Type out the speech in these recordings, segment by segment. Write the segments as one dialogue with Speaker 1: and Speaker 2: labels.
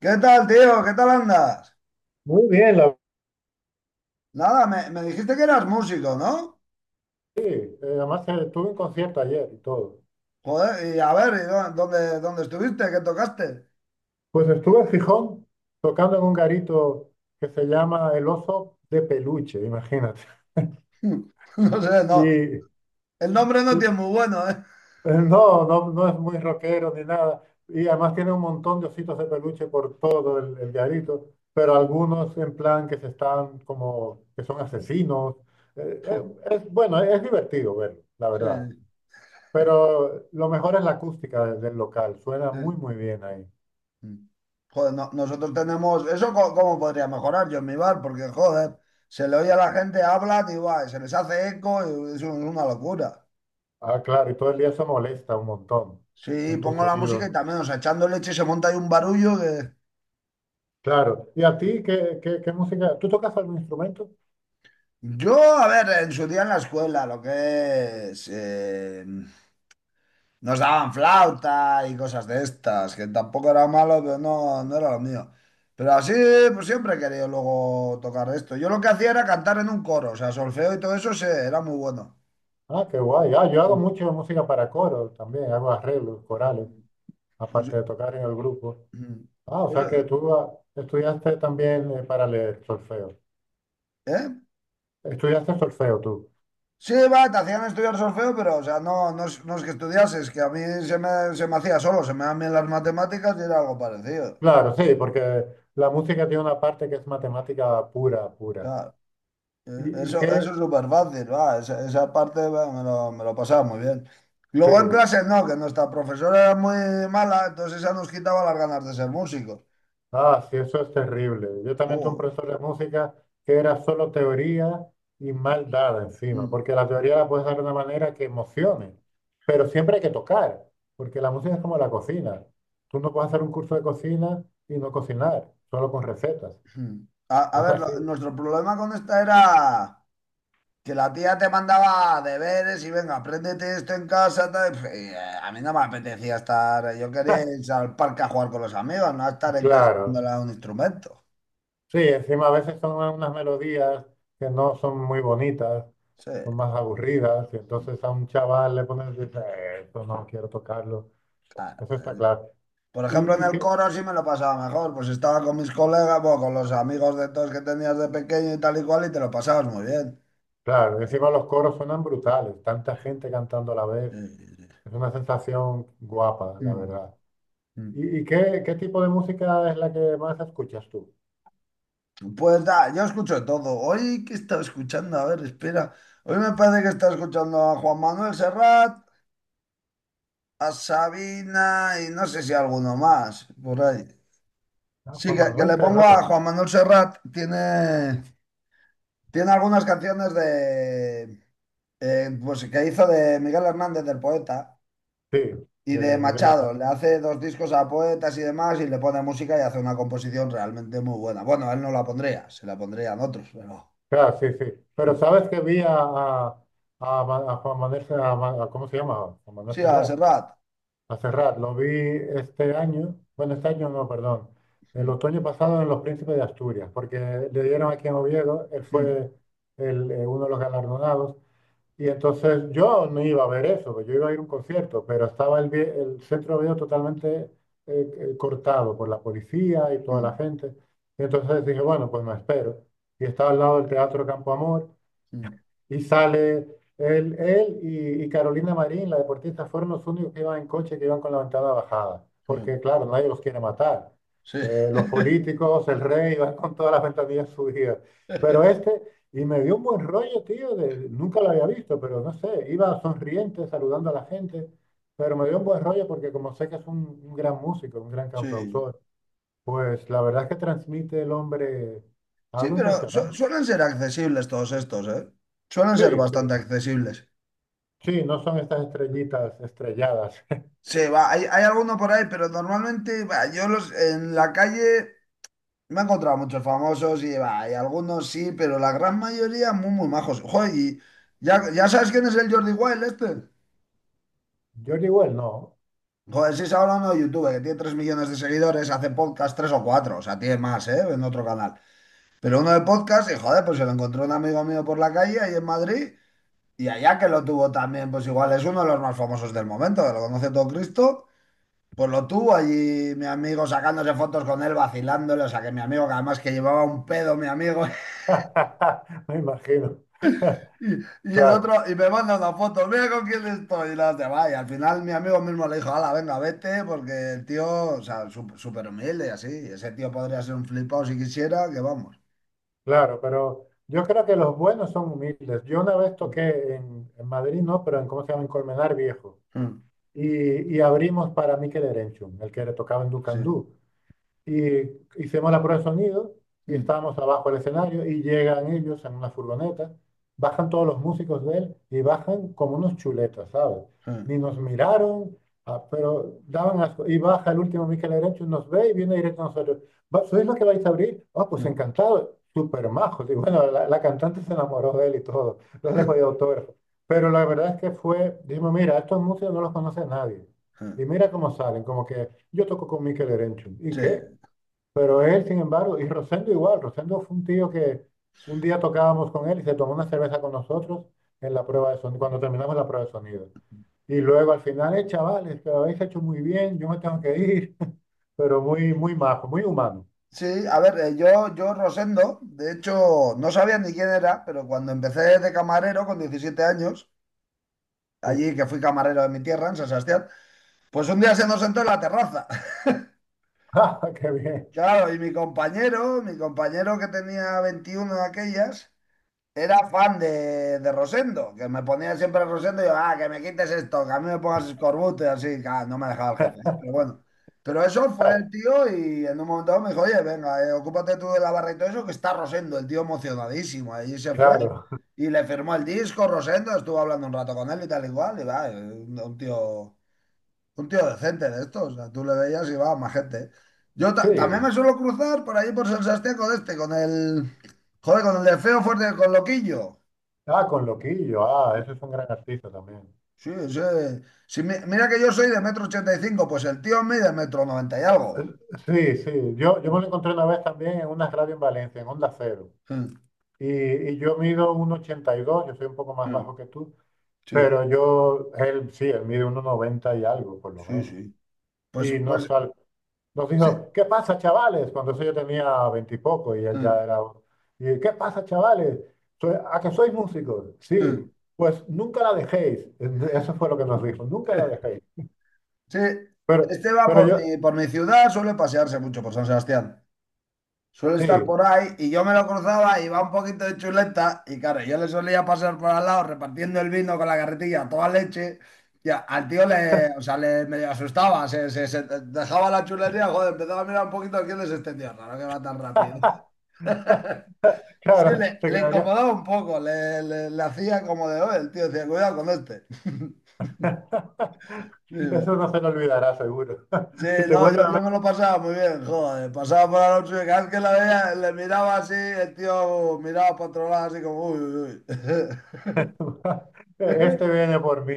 Speaker 1: ¿Qué tal, tío? ¿Qué tal andas?
Speaker 2: Muy bien, la
Speaker 1: Nada, me dijiste que eras músico, ¿no?
Speaker 2: vi. Además, tuve un concierto ayer y todo.
Speaker 1: Joder, y a ver, ¿y dónde estuviste? ¿Qué tocaste?
Speaker 2: Pues estuve en Gijón tocando en un garito que se llama El Oso de Peluche, imagínate.
Speaker 1: No sé, no.
Speaker 2: Y,
Speaker 1: El nombre
Speaker 2: y,
Speaker 1: no
Speaker 2: eh,
Speaker 1: tiene muy bueno, ¿eh?
Speaker 2: no, no, no es muy rockero ni nada. Y además tiene un montón de ositos de peluche por todo el garito, pero algunos en plan que se están como, que son asesinos. Eh, eh,
Speaker 1: Puh,
Speaker 2: es, bueno, es divertido verlo, la
Speaker 1: sí,
Speaker 2: verdad. Pero lo mejor es la acústica del local. Suena
Speaker 1: sí.
Speaker 2: muy, muy bien ahí.
Speaker 1: Mm. Joder, nosotros tenemos... ¿Eso cómo podría mejorar yo en mi bar? Porque, joder, se le oye a la gente, hablan y guay, se les hace eco, y es una locura.
Speaker 2: Ah, claro, y todo el día eso molesta un montón
Speaker 1: Sí,
Speaker 2: en tus
Speaker 1: pongo la música
Speaker 2: oídos.
Speaker 1: y también, o sea, echando leche se monta ahí un barullo que...
Speaker 2: Claro. ¿Y a ti qué, qué, qué música? ¿Tú tocas algún instrumento?
Speaker 1: Yo, a ver, en su día en la escuela, lo que es, nos daban flauta y cosas de estas, que tampoco era malo, pero no era lo mío. Pero así, pues siempre he querido luego tocar esto. Yo lo que hacía era cantar en un coro, o sea, solfeo y todo eso, sí, era muy bueno.
Speaker 2: Ah, qué guay. Ah, yo hago mucho música para coro también, hago arreglos, corales,
Speaker 1: Pues,
Speaker 2: aparte de tocar en el grupo.
Speaker 1: mm,
Speaker 2: Ah, o sea que
Speaker 1: pues,
Speaker 2: tú ah, estudiaste también para leer solfeo.
Speaker 1: ¿eh?
Speaker 2: Estudiaste solfeo tú.
Speaker 1: Sí, va, te hacían estudiar solfeo, pero, o sea, no es que estudiases, que a mí se me hacía solo, se me dan bien las matemáticas y era algo parecido.
Speaker 2: Claro, sí, porque la música tiene una parte que es matemática pura, pura.
Speaker 1: Claro.
Speaker 2: Y
Speaker 1: Eso, eso
Speaker 2: qué?
Speaker 1: es súper fácil, va, esa parte va, me lo pasaba muy bien.
Speaker 2: Sí.
Speaker 1: Luego en clase no, que nuestra profesora era muy mala, entonces esa nos quitaba las ganas de ser músicos.
Speaker 2: Ah, sí, eso es terrible. Yo también tuve un
Speaker 1: Joder.
Speaker 2: profesor de música que era solo teoría y mal dada encima,
Speaker 1: Mm,
Speaker 2: porque la teoría la puedes dar de una manera que emocione, pero siempre hay que tocar, porque la música es como la cocina. Tú no puedes hacer un curso de cocina y no cocinar, solo con recetas.
Speaker 1: mm. A
Speaker 2: Es
Speaker 1: ver,
Speaker 2: así.
Speaker 1: nuestro problema con esta era que la tía te mandaba deberes y venga, apréndete esto en casa. Tal, y, pf, y, a mí no me apetecía estar, yo quería ir al parque a jugar con los amigos, no a estar en casa
Speaker 2: Claro.
Speaker 1: dándole a un instrumento.
Speaker 2: Sí, encima a veces son unas melodías que no son muy bonitas,
Speaker 1: Sí,
Speaker 2: son más aburridas, y entonces a un chaval le pones, dice, esto no quiero tocarlo". Eso
Speaker 1: claro.
Speaker 2: está claro.
Speaker 1: Por ejemplo, en
Speaker 2: Y
Speaker 1: el
Speaker 2: que,
Speaker 1: coro sí me lo pasaba mejor, pues estaba con mis colegas, bueno, con los amigos de todos que tenías de pequeño y tal y cual, y te lo pasabas muy bien.
Speaker 2: claro, encima los coros suenan brutales, tanta gente cantando a la vez,
Speaker 1: Sí, sí, sí.
Speaker 2: es una sensación guapa, la
Speaker 1: Mm,
Speaker 2: verdad.
Speaker 1: mm.
Speaker 2: Y qué, qué tipo de música es la que más escuchas tú?
Speaker 1: Pues da, yo escucho de todo. Hoy que estaba escuchando, a ver, espera. Hoy me parece que estaba escuchando a Juan Manuel Serrat, a Sabina y no sé si alguno más, por ahí.
Speaker 2: Ah,
Speaker 1: Sí,
Speaker 2: Juan
Speaker 1: que
Speaker 2: Manuel
Speaker 1: le pongo a
Speaker 2: Serrat,
Speaker 1: Juan Manuel Serrat, tiene, tiene algunas canciones de, pues que hizo de Miguel Hernández, del poeta,
Speaker 2: sí,
Speaker 1: y de
Speaker 2: de Miguel
Speaker 1: Machado.
Speaker 2: Hernández.
Speaker 1: Le hace dos discos a poetas y demás y le pone música y hace una composición realmente muy buena. Bueno, a él no la pondría, se la pondrían otros, pero
Speaker 2: Claro, sí, sí. Pero sabes que vi a a Juan Manuel, a a- ¿cómo se llama? Juan Manuel
Speaker 1: sí, a
Speaker 2: Serrat.
Speaker 1: Serrat.
Speaker 2: A cerrar, lo vi este año, bueno, este año no, perdón, el
Speaker 1: Mm,
Speaker 2: otoño pasado en Los Príncipes de Asturias, porque le dieron aquí en Oviedo, él
Speaker 1: mm,
Speaker 2: fue uno de los galardonados, y entonces yo no iba a ver eso, yo iba a ir a un concierto, pero estaba el centro de Oviedo totalmente cortado por la policía y toda la
Speaker 1: mm,
Speaker 2: gente, y entonces dije, bueno, pues me espero, y estaba al lado del Teatro Campo Amor,
Speaker 1: mm,
Speaker 2: y sale él, y Carolina Marín, la deportista, fueron los únicos que iban en coche, que iban con la ventana bajada,
Speaker 1: mm.
Speaker 2: porque claro, nadie los quiere matar.
Speaker 1: Sí.
Speaker 2: Los políticos, el rey, van con todas las ventanillas subidas. Pero este, y me dio un buen rollo, tío, nunca lo había visto, pero no sé, iba sonriente, saludando a la gente, pero me dio un buen rollo porque como sé que es un gran músico, un gran
Speaker 1: Sí.
Speaker 2: cantautor, pues la verdad es que transmite el hombre
Speaker 1: Sí,
Speaker 2: algo
Speaker 1: pero
Speaker 2: impresionante.
Speaker 1: suelen ser accesibles todos estos, ¿eh? Suelen
Speaker 2: Sí,
Speaker 1: ser
Speaker 2: sí.
Speaker 1: bastante accesibles.
Speaker 2: Sí, no son estas estrellitas estrelladas.
Speaker 1: Sí, va, hay alguno por ahí, pero normalmente va, yo los en la calle me he encontrado muchos famosos y, bah, y algunos sí, pero la gran mayoría muy, muy majos. Joder, y ya, ya sabes quién es el Jordi Wild este.
Speaker 2: George Well, no.
Speaker 1: Joder, sí, es ahora uno de YouTube, que tiene 3 millones de seguidores, hace podcast 3 o 4 o sea, tiene más, ¿eh? En otro canal. Pero uno de podcast, y joder, pues se lo encontró un amigo mío por la calle ahí en Madrid, y allá que lo tuvo también, pues igual es uno de los más famosos del momento, que lo conoce todo Cristo. Pues lo tuvo allí mi amigo sacándose fotos con él, vacilándole, o sea que mi amigo, que además que llevaba un pedo mi amigo,
Speaker 2: Me imagino.
Speaker 1: Y, y el otro,
Speaker 2: Claro,
Speaker 1: y me manda una foto, mira con quién estoy, y la hostia, va, y al final mi amigo mismo le dijo, hala, venga, vete, porque el tío, o sea, súper humilde y así, y ese tío podría ser un flipado si quisiera, que vamos.
Speaker 2: claro, pero yo creo que los buenos son humildes. Yo una vez toqué en Madrid, no, pero en, ¿cómo se llama? En Colmenar Viejo.
Speaker 1: Mm,
Speaker 2: Y abrimos para Mikel Erenchun, el que le tocaba en
Speaker 1: sí.
Speaker 2: Ducandú. Y hicimos la prueba de sonido y
Speaker 1: Mm,
Speaker 2: estábamos abajo del escenario y llegan ellos en una furgoneta, bajan todos los músicos de él y bajan como unos chuletas, ¿sabes?
Speaker 1: mm,
Speaker 2: Ni nos miraron, ah, pero daban asco. Y baja el último Mikel Erenchu, nos ve y viene directo a nosotros. ¿Sois los que vais a abrir? Ah, pues
Speaker 1: mm,
Speaker 2: encantado, súper majos". Y bueno, la cantante se enamoró de él y todo, no le podía autógrafo. Pero la verdad es que fue, dijimos, mira, estos músicos no los conoce nadie.
Speaker 1: mm.
Speaker 2: Y mira cómo salen, como que yo toco con Mikel Erenchu. ¿Y
Speaker 1: Sí.
Speaker 2: qué? Pero él, sin embargo, y Rosendo igual, Rosendo fue un tío que un día tocábamos con él y se tomó una cerveza con nosotros en la prueba de sonido, cuando terminamos la prueba de sonido. Y luego al final, chavales, que lo habéis hecho muy bien, yo me tengo que ir, pero muy, muy majo, muy humano.
Speaker 1: Sí, a ver, yo Rosendo, de hecho, no sabía ni quién era, pero cuando empecé de camarero con 17 años,
Speaker 2: Sí.
Speaker 1: allí que fui camarero de mi tierra, en San Sebastián, pues un día se nos sentó en la terraza.
Speaker 2: Ah, qué bien.
Speaker 1: Claro, y mi compañero que tenía 21 de aquellas, era fan de Rosendo, que me ponía siempre Rosendo y yo, ah, que me quites esto, que a mí me pongas escorbuto y así, claro, no me dejaba el jefe, ¿eh? Pero bueno. Pero eso fue
Speaker 2: Claro.
Speaker 1: el tío y en un momento dado me dijo, oye, venga, ocúpate tú de la barra y todo eso, que está Rosendo, el tío emocionadísimo. Ahí se fue
Speaker 2: Claro.
Speaker 1: y le firmó el disco, Rosendo, estuvo hablando un rato con él y tal igual, y va, un tío... Un tío decente de estos, o sea, tú le veías y va, más gente. Yo también
Speaker 2: Sí.
Speaker 1: me suelo cruzar por ahí por San Sebastián con este, con el. Joder, con el de feo fuerte, con Loquillo.
Speaker 2: Ah, con Loquillo. Ah,
Speaker 1: ¿Sí?
Speaker 2: ese es un gran artista también.
Speaker 1: Sí, sí. Si mira que yo soy de 1,85 m, pues el tío mide 1,90 m y algo.
Speaker 2: Sí, sí. Yo me lo encontré una vez también en una radio en Valencia, en Onda Cero.
Speaker 1: Sí,
Speaker 2: Y, y yo mido 1,82, yo soy un poco
Speaker 1: sí,
Speaker 2: más bajo que tú.
Speaker 1: sí.
Speaker 2: Pero yo, él sí, él mide uno noventa y algo, por lo
Speaker 1: Sí.
Speaker 2: menos.
Speaker 1: Sí. Pues,
Speaker 2: Y
Speaker 1: pues,
Speaker 2: nos
Speaker 1: sí.
Speaker 2: dijo, ¿qué pasa, chavales? Cuando eso yo tenía 20 y poco y
Speaker 1: Sí,
Speaker 2: él ya era... Y, ¿qué pasa, chavales? ¿A que sois músicos?
Speaker 1: sí.
Speaker 2: Sí, pues nunca la dejéis". Eso fue lo que nos dijo, nunca la dejéis.
Speaker 1: Sí,
Speaker 2: Pero,
Speaker 1: este va
Speaker 2: pero yo,
Speaker 1: por mi ciudad, suele pasearse mucho por San Sebastián. Suele estar
Speaker 2: sí,
Speaker 1: por ahí y yo me lo cruzaba, iba un poquito de chuleta y claro, yo le solía pasar por al lado repartiendo el vino con la carretilla a toda leche y al tío le, o sea, le medio asustaba, se, se dejaba la chulería, joder, empezaba a mirar un poquito quién es este tío raro que va tan rápido. Sí,
Speaker 2: claro,
Speaker 1: le,
Speaker 2: se
Speaker 1: le
Speaker 2: quedaría...
Speaker 1: incomodaba un poco, le, le hacía como de, oye, el tío decía, cuidado con este. Sí,
Speaker 2: Eso no se lo olvidará, seguro.
Speaker 1: sí,
Speaker 2: Si te
Speaker 1: no,
Speaker 2: vuelve
Speaker 1: yo,
Speaker 2: a
Speaker 1: yo me
Speaker 2: ver,
Speaker 1: lo pasaba muy bien, joder. Pasaba por la noche y cada vez que la veía, le miraba así, el tío miraba para otro lado así como, uy, uy, uy.
Speaker 2: este viene por mí.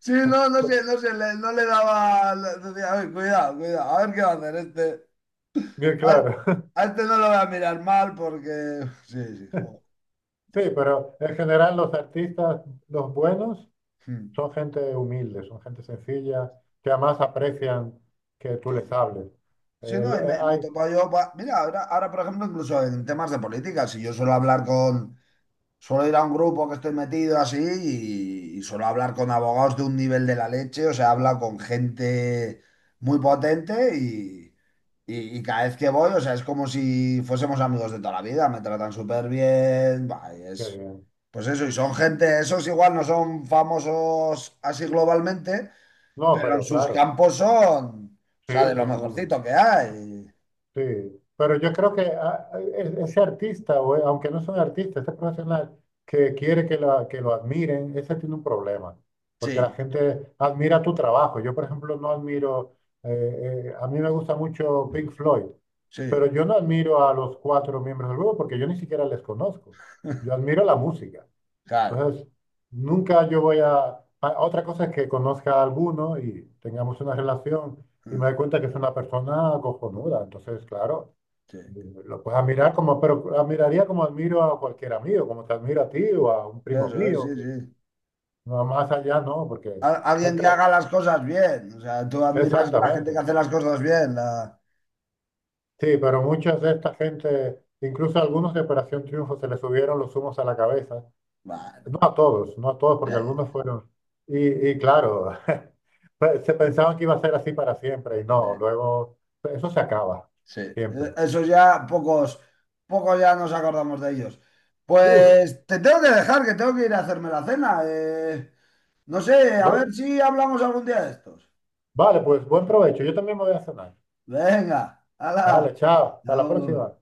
Speaker 1: Sí, no, no
Speaker 2: Pues,
Speaker 1: sé, no sé, no le daba, le decía, "Uy, cuidado, cuidado, a ver qué va a hacer este."
Speaker 2: bien
Speaker 1: A,
Speaker 2: claro.
Speaker 1: a este no lo voy a mirar mal porque, sí, sí, joder.
Speaker 2: Sí, pero en general los artistas, los buenos,
Speaker 1: Mm,
Speaker 2: son gente humilde, son gente sencilla, que además aprecian que tú
Speaker 1: sí,
Speaker 2: les hables.
Speaker 1: sí,
Speaker 2: El-
Speaker 1: no, y
Speaker 2: eh,
Speaker 1: me he
Speaker 2: ay,
Speaker 1: topado yo, mira, ahora, ahora, por ejemplo, incluso en temas de política, si yo suelo hablar con suelo ir a un grupo que estoy metido así y suelo hablar con abogados de un nivel de la leche, o sea, habla con gente muy potente y, y cada vez que voy, o sea, es como si fuésemos amigos de toda la vida, me tratan súper bien, va, y
Speaker 2: qué
Speaker 1: es,
Speaker 2: bien.
Speaker 1: pues eso, y son gente, esos igual no son famosos así globalmente,
Speaker 2: No,
Speaker 1: pero en
Speaker 2: pero
Speaker 1: sus
Speaker 2: claro,
Speaker 1: campos son, o
Speaker 2: sí,
Speaker 1: sea, de lo
Speaker 2: son,
Speaker 1: mejorcito que hay.
Speaker 2: sí, pero yo creo que ese artista, o, aunque no es un artista, ese profesional que quiere que, que lo admiren, ese tiene un problema, porque la
Speaker 1: Sí,
Speaker 2: gente admira tu trabajo. Yo, por ejemplo, no admiro, a mí me gusta mucho Pink Floyd, pero
Speaker 1: sí,
Speaker 2: yo no admiro a los cuatro miembros del grupo porque yo ni siquiera les conozco. Yo admiro la música.
Speaker 1: claro.
Speaker 2: Entonces, nunca yo voy a... Otra cosa es que conozca a alguno y tengamos una relación y me
Speaker 1: Mm,
Speaker 2: doy cuenta que es una persona cojonuda. Entonces, claro,
Speaker 1: sí,
Speaker 2: lo puedo admirar como, pero admiraría como admiro a cualquier amigo, como te admiro a ti o a un primo
Speaker 1: eso es, sí,
Speaker 2: mío, que
Speaker 1: sí.
Speaker 2: no más allá no, porque el
Speaker 1: Alguien que
Speaker 2: tra-
Speaker 1: haga las cosas bien. O sea, tú admiras la gente que
Speaker 2: exactamente.
Speaker 1: hace las cosas bien. La-
Speaker 2: Sí, pero muchas de esta gente, incluso a algunos de Operación Triunfo, se les subieron los humos a la cabeza.
Speaker 1: bueno,
Speaker 2: No a todos, no a todos,
Speaker 1: sí,
Speaker 2: porque algunos fueron. Y claro, se pensaban que iba a ser así para siempre, y
Speaker 1: sí,
Speaker 2: no, luego eso se acaba,
Speaker 1: sí.
Speaker 2: siempre.
Speaker 1: Eso ya pocos, pocos ya nos acordamos de ellos.
Speaker 2: Uf,
Speaker 1: Pues te tengo que dejar, que tengo que ir a hacerme la cena. Eh, no sé, a
Speaker 2: bueno,
Speaker 1: ver si hablamos algún día de estos.
Speaker 2: vale, pues buen provecho. Yo también me voy a cenar.
Speaker 1: Venga, hala.
Speaker 2: Vale, chao, hasta la
Speaker 1: Agur.
Speaker 2: próxima.